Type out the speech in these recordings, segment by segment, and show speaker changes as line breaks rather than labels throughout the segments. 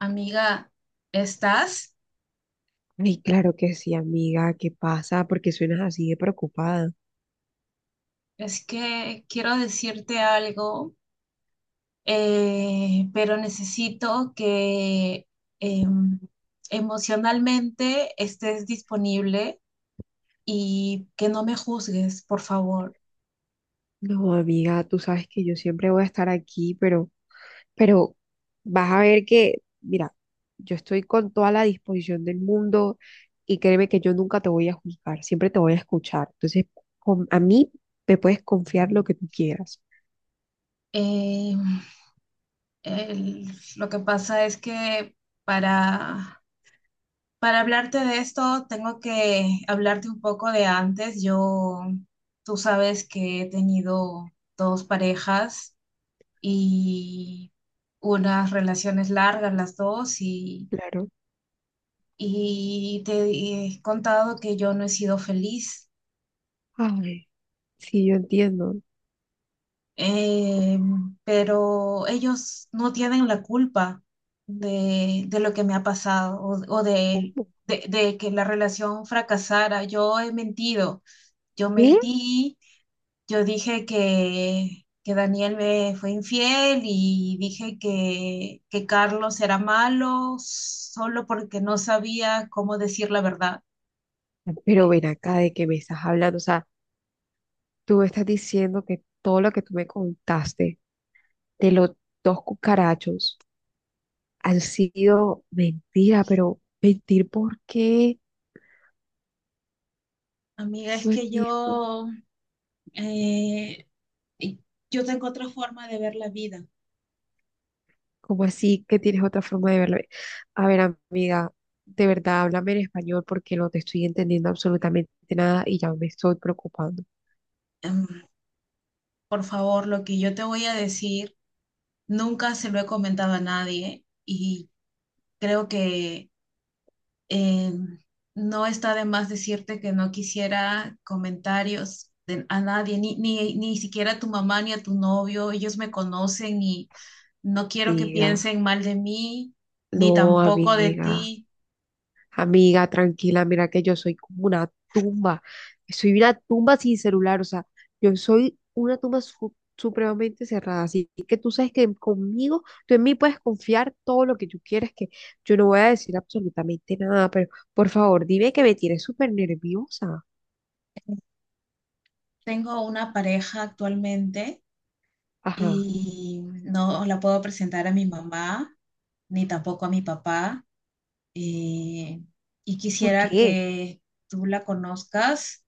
Amiga, ¿estás?
Ay, claro que sí, amiga, ¿qué pasa? Porque suenas así de preocupada.
Es que quiero decirte algo, pero necesito que em, emocionalmente estés disponible y que no me juzgues, por favor.
No, amiga, tú sabes que yo siempre voy a estar aquí, pero vas a ver que, mira, yo estoy con toda la disposición del mundo y créeme que yo nunca te voy a juzgar, siempre te voy a escuchar. Entonces, a mí me puedes confiar lo que tú quieras.
Em, el- lo que pasa es que para, para hablarte de esto, tengo que hablarte un poco de antes. Yo, tú sabes que he tenido dos parejas y unas relaciones largas las dos
Claro.
y te he contado que yo no he sido feliz.
Ay, sí, yo entiendo. Pero
Eh, pero ellos no tienen la culpa de lo que me ha pasado o
¿cómo?
de que la relación fracasara. Yo he mentido, yo
¿Qué?
mentí. Yo dije que Daniel me fue infiel y dije que Carlos era malo solo porque no sabía cómo decir la verdad.
Pero ven acá, de qué me estás hablando. O sea, tú me estás diciendo que todo lo que tú me contaste de los dos cucarachos han sido mentira, pero mentir, ¿por qué?
Amiga, es
No
que
entiendo.
yo, eh, yo tengo otra forma de ver la vida.
¿Cómo así que tienes otra forma de verlo? A ver, amiga, de verdad, háblame en español porque no te estoy entendiendo absolutamente nada y ya me estoy preocupando.
Em, por favor, lo que yo te voy a decir nunca se lo he comentado a nadie, y creo que Eh, no está de más decirte que no quisiera comentarios a nadie, ni siquiera a tu mamá ni a tu novio. Ellos me conocen y no quiero que
Amiga,
piensen mal de mí, ni
no,
tampoco de
amiga.
ti.
Amiga, tranquila, mira que yo soy como una tumba. Soy una tumba sin celular, o sea, yo soy una tumba supremamente cerrada. Así que tú sabes que conmigo, tú en mí puedes confiar todo lo que tú quieras, que yo no voy a decir absolutamente nada, pero por favor, dime, que me tienes súper nerviosa.
Tengo una pareja actualmente
Ajá,
y no la puedo presentar a mi mamá, ni tampoco a mi papá. eh, y
¿por
quisiera
qué?
que tú la conozcas,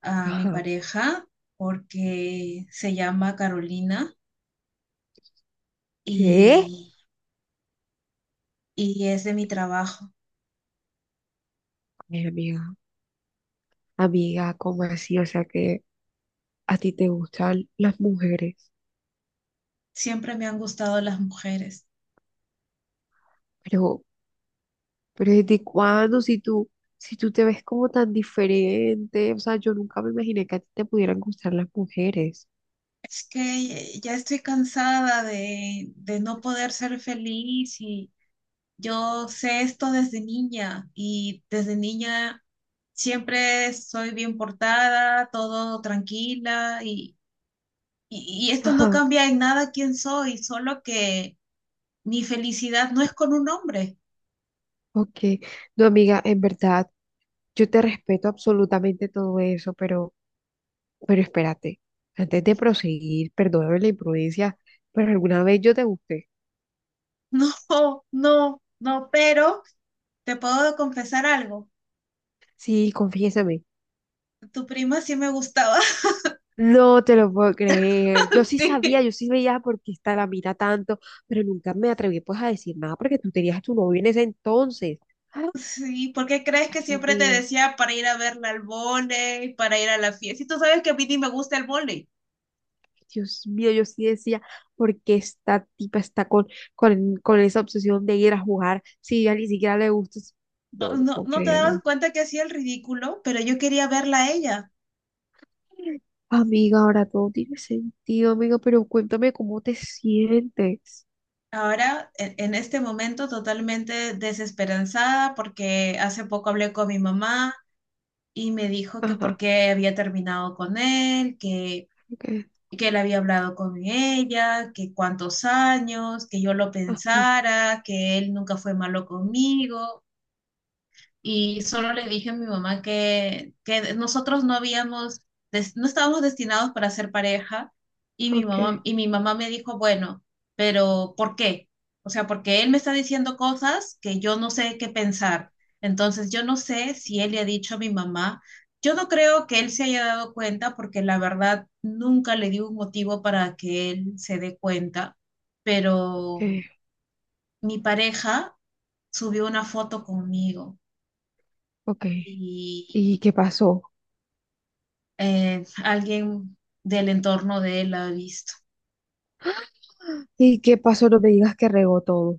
a mi
Ajá,
pareja, porque se llama Carolina
¿qué?
y, y es de mi trabajo.
Ay, amiga, amiga, ¿cómo así? O sea, que a ti te gustan las mujeres.
Siempre me han gustado las mujeres.
Pero, Pero ¿desde cuándo? Si tú, si tú te ves como tan diferente, o sea, yo nunca me imaginé que a ti te pudieran gustar las mujeres.
Es que ya estoy cansada de no poder ser feliz, y yo sé esto desde niña, y desde niña siempre soy bien portada, todo tranquila, y, y esto no
Ajá,
cambia en nada quién soy, solo que mi felicidad no es con un hombre.
ok. No, amiga, en verdad, yo te respeto absolutamente todo eso, pero espérate, antes de proseguir, perdóname la imprudencia, pero alguna vez yo te gusté.
No, no, no, pero te puedo confesar algo.
Sí, confiésame.
Tu prima sí me gustaba,
No te lo puedo creer. Yo sí sabía,
sí.
yo sí veía por qué esta la mira tanto, pero nunca me atreví pues a decir nada porque tú tenías a tu novio en ese entonces.
Sí, ¿por qué crees que
Ay,
siempre te
amiga,
decía para ir a verla al vóley, para ir a la fiesta? Y tú sabes que a mí ni me gusta el vóley.
Dios mío, yo sí decía, porque esta tipa está con esa obsesión de ir a jugar. Si ya ni siquiera le gusta.
Oh,
No, no
no,
puedo
¿no te dabas
creerlo.
cuenta que hacía el ridículo? Pero yo quería verla a ella.
Amiga, ahora todo tiene sentido, amiga, pero cuéntame cómo te sientes.
Ahora, en este momento, totalmente desesperanzada, porque hace poco hablé con mi mamá y me dijo que por
Ajá,
qué había terminado con él,
ok,
que él había hablado con ella, que cuántos años, que yo lo
ajá,
pensara, que él nunca fue malo conmigo. Y solo le dije a mi mamá que nosotros no habíamos, no estábamos destinados para ser pareja,
ok,
y mi mamá me dijo, bueno, pero ¿por qué? O sea, porque él me está diciendo cosas que yo no sé qué pensar. Entonces, yo no sé si él le ha dicho a mi mamá. Yo no creo que él se haya dado cuenta porque la verdad nunca le di un motivo para que él se dé cuenta, pero
ok,
mi pareja subió una foto conmigo
ok.
y,
¿Y qué pasó?
alguien del entorno de él ha visto.
¿Y qué pasó? No me digas que regó todo.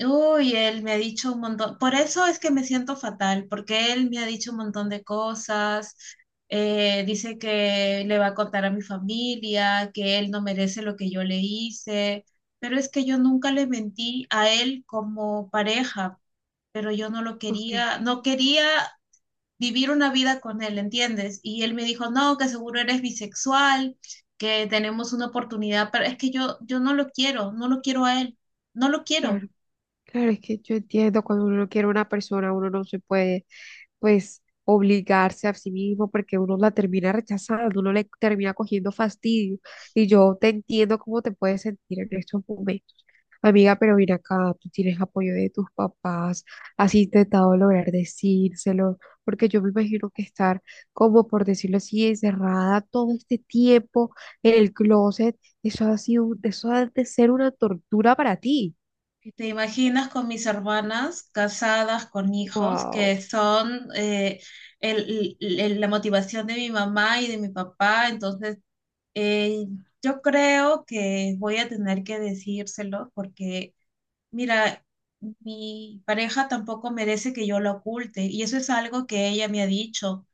Uy, él me ha dicho un montón, por eso es que me siento fatal, porque él me ha dicho un montón de cosas. Dice que le va a contar a mi familia, que él no merece lo que yo le hice, pero es que yo nunca le mentí a él como pareja, pero yo no lo
Ok,
quería, no quería vivir una vida con él, ¿entiendes? Y él me dijo, no, que seguro eres bisexual, que tenemos una oportunidad, pero es que yo no lo quiero, no lo quiero a él, no lo quiero.
claro. Claro, es que yo entiendo, cuando uno no quiere a una persona, uno no se puede, pues, obligarse a sí mismo porque uno la termina rechazando, uno le termina cogiendo fastidio. Y yo te entiendo cómo te puedes sentir en estos momentos. Amiga, pero ven acá, tú tienes apoyo de tus papás, has intentado lograr decírselo, porque yo me imagino que estar, como por decirlo así, encerrada todo este tiempo en el closet, eso ha sido, eso ha de ser una tortura para ti.
Y te imaginas con mis hermanas casadas con hijos,
Wow.
que son la motivación de mi mamá y de mi papá. Entonces eh, yo creo que voy a tener que decírselo porque. Mira, mi pareja tampoco merece que yo la oculte, y eso es algo que ella me ha dicho.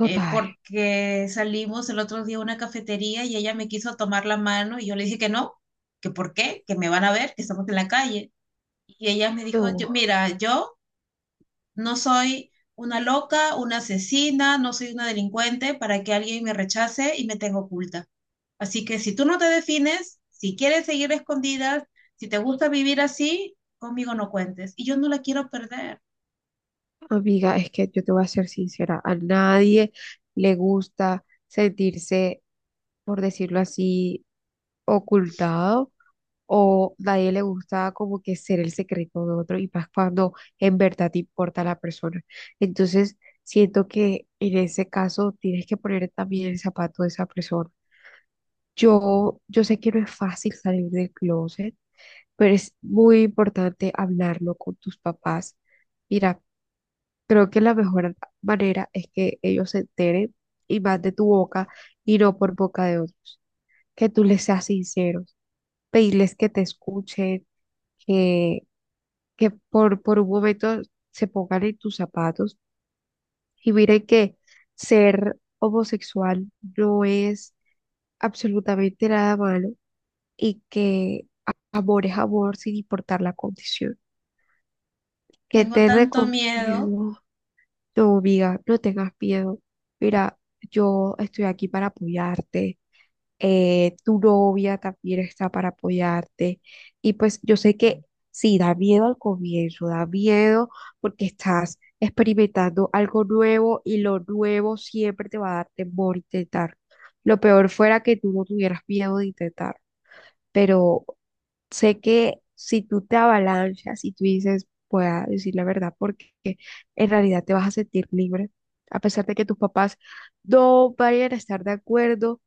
Porque salimos el otro día a una cafetería y ella me quiso tomar la mano y yo le dije que no, que por qué, que me van a ver, que estamos en la calle. Y ella me dijo, yo,
no,
mira, yo no soy una loca, una asesina, no soy una delincuente para que alguien me rechace y me tenga oculta. Así que si tú no te defines, si quieres seguir escondidas, si te gusta vivir así, conmigo no cuentes. Y yo no la quiero perder.
amiga, es que yo te voy a ser sincera, a nadie le gusta sentirse, por decirlo así, ocultado, o nadie le gusta como que ser el secreto de otro y más cuando en verdad te importa la persona. Entonces, siento que en ese caso tienes que poner también el zapato de esa persona. Yo sé que no es fácil salir del closet, pero es muy importante hablarlo con tus papás. Mira. Creo que la mejor manera es que ellos se enteren y más de tu boca y no por boca de otros. Que tú les seas sincero, pedirles que te escuchen, que, que por un momento se pongan en tus zapatos y miren que ser homosexual no es absolutamente nada malo y que amor es amor sin importar la condición. Que
Tengo
te
tanto miedo.
recomiendo. No, amiga, no tengas miedo. Mira, yo estoy aquí para apoyarte. Tu novia también está para apoyarte. Y pues yo sé que sí, da miedo al comienzo, da miedo porque estás experimentando algo nuevo y lo nuevo siempre te va a dar temor intentar. Lo peor fuera que tú no tuvieras miedo de intentar, pero sé que si tú te avalanchas y tú dices, voy a decir la verdad, porque en realidad te vas a sentir libre, a pesar de que tus papás no vayan a estar de acuerdo,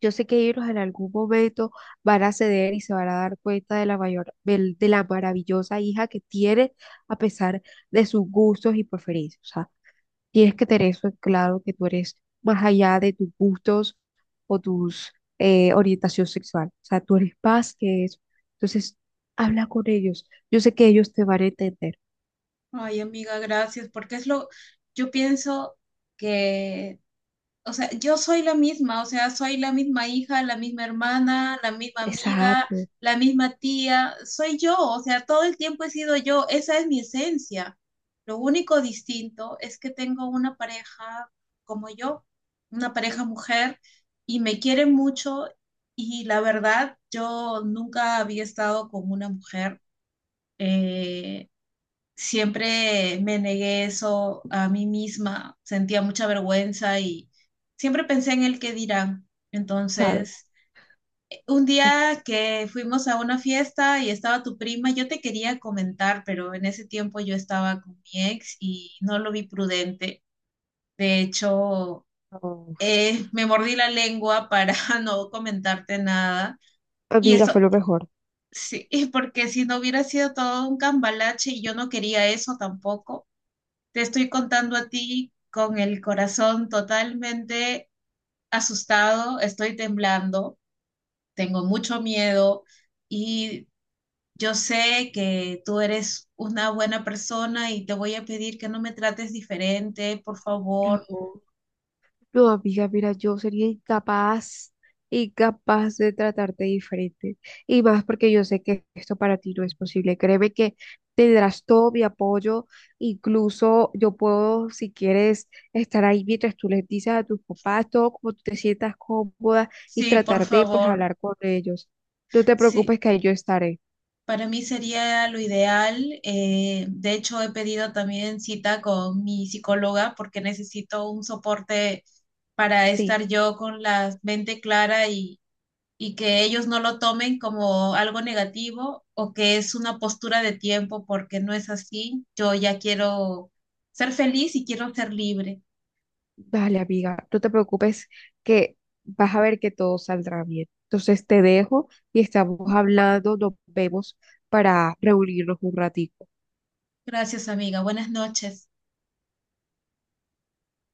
yo sé que ellos en algún momento van a ceder y se van a dar cuenta de la mayor, la maravillosa hija que tiene a pesar de sus gustos y preferencias. Tienes que tener eso en claro, que tú eres más allá de tus gustos o tus orientación sexual. O sea, tú eres más que eso. Entonces, habla con ellos. Yo sé que ellos te van a entender.
Ay, amiga, gracias, porque es lo, yo pienso que, o sea, yo soy la misma, o sea, soy la misma hija, la misma hermana, la misma amiga,
Exacto,
la misma tía, soy yo, o sea, todo el tiempo he sido yo, esa es mi esencia. Lo único distinto es que tengo una pareja como yo, una pareja mujer, y me quiere mucho, y la verdad, yo nunca había estado con una mujer. eh, Siempre me negué eso a mí misma, sentía mucha vergüenza y siempre pensé en el qué dirán.
claro.
Entonces, un
Es-
día que fuimos a una fiesta y estaba tu prima, yo te quería comentar, pero en ese tiempo yo estaba con mi ex y no lo vi prudente. De hecho,
no,
me mordí la lengua para no comentarte nada. Y
amiga, fue
eso,
lo mejor.
sí, porque si no hubiera sido todo un cambalache, y yo no quería eso tampoco. Te estoy contando a ti con el corazón totalmente asustado, estoy temblando, tengo mucho miedo, y yo sé que tú eres una buena persona y te voy a pedir que no me trates diferente, por favor.
No. No, amiga, mira, yo sería incapaz, incapaz de tratarte diferente. Y más porque yo sé que esto para ti no es posible. Créeme que tendrás todo mi apoyo. Incluso yo puedo, si quieres, estar ahí mientras tú les dices a tus papás todo como tú te sientas cómoda y
Sí, por
tratar de, pues,
favor.
hablar con ellos. No te
Sí,
preocupes que ahí yo estaré.
para mí sería lo ideal. De hecho, he pedido también cita con mi psicóloga porque necesito un soporte para
Sí.
estar yo con la mente clara, y que ellos no lo tomen como algo negativo o que es una postura de tiempo, porque no es así. Yo ya quiero ser feliz y quiero ser libre.
Vale, amiga, no te preocupes que vas a ver que todo saldrá bien. Entonces te dejo y estamos hablando, nos vemos para reunirnos un ratito.
Gracias, amiga. Buenas noches.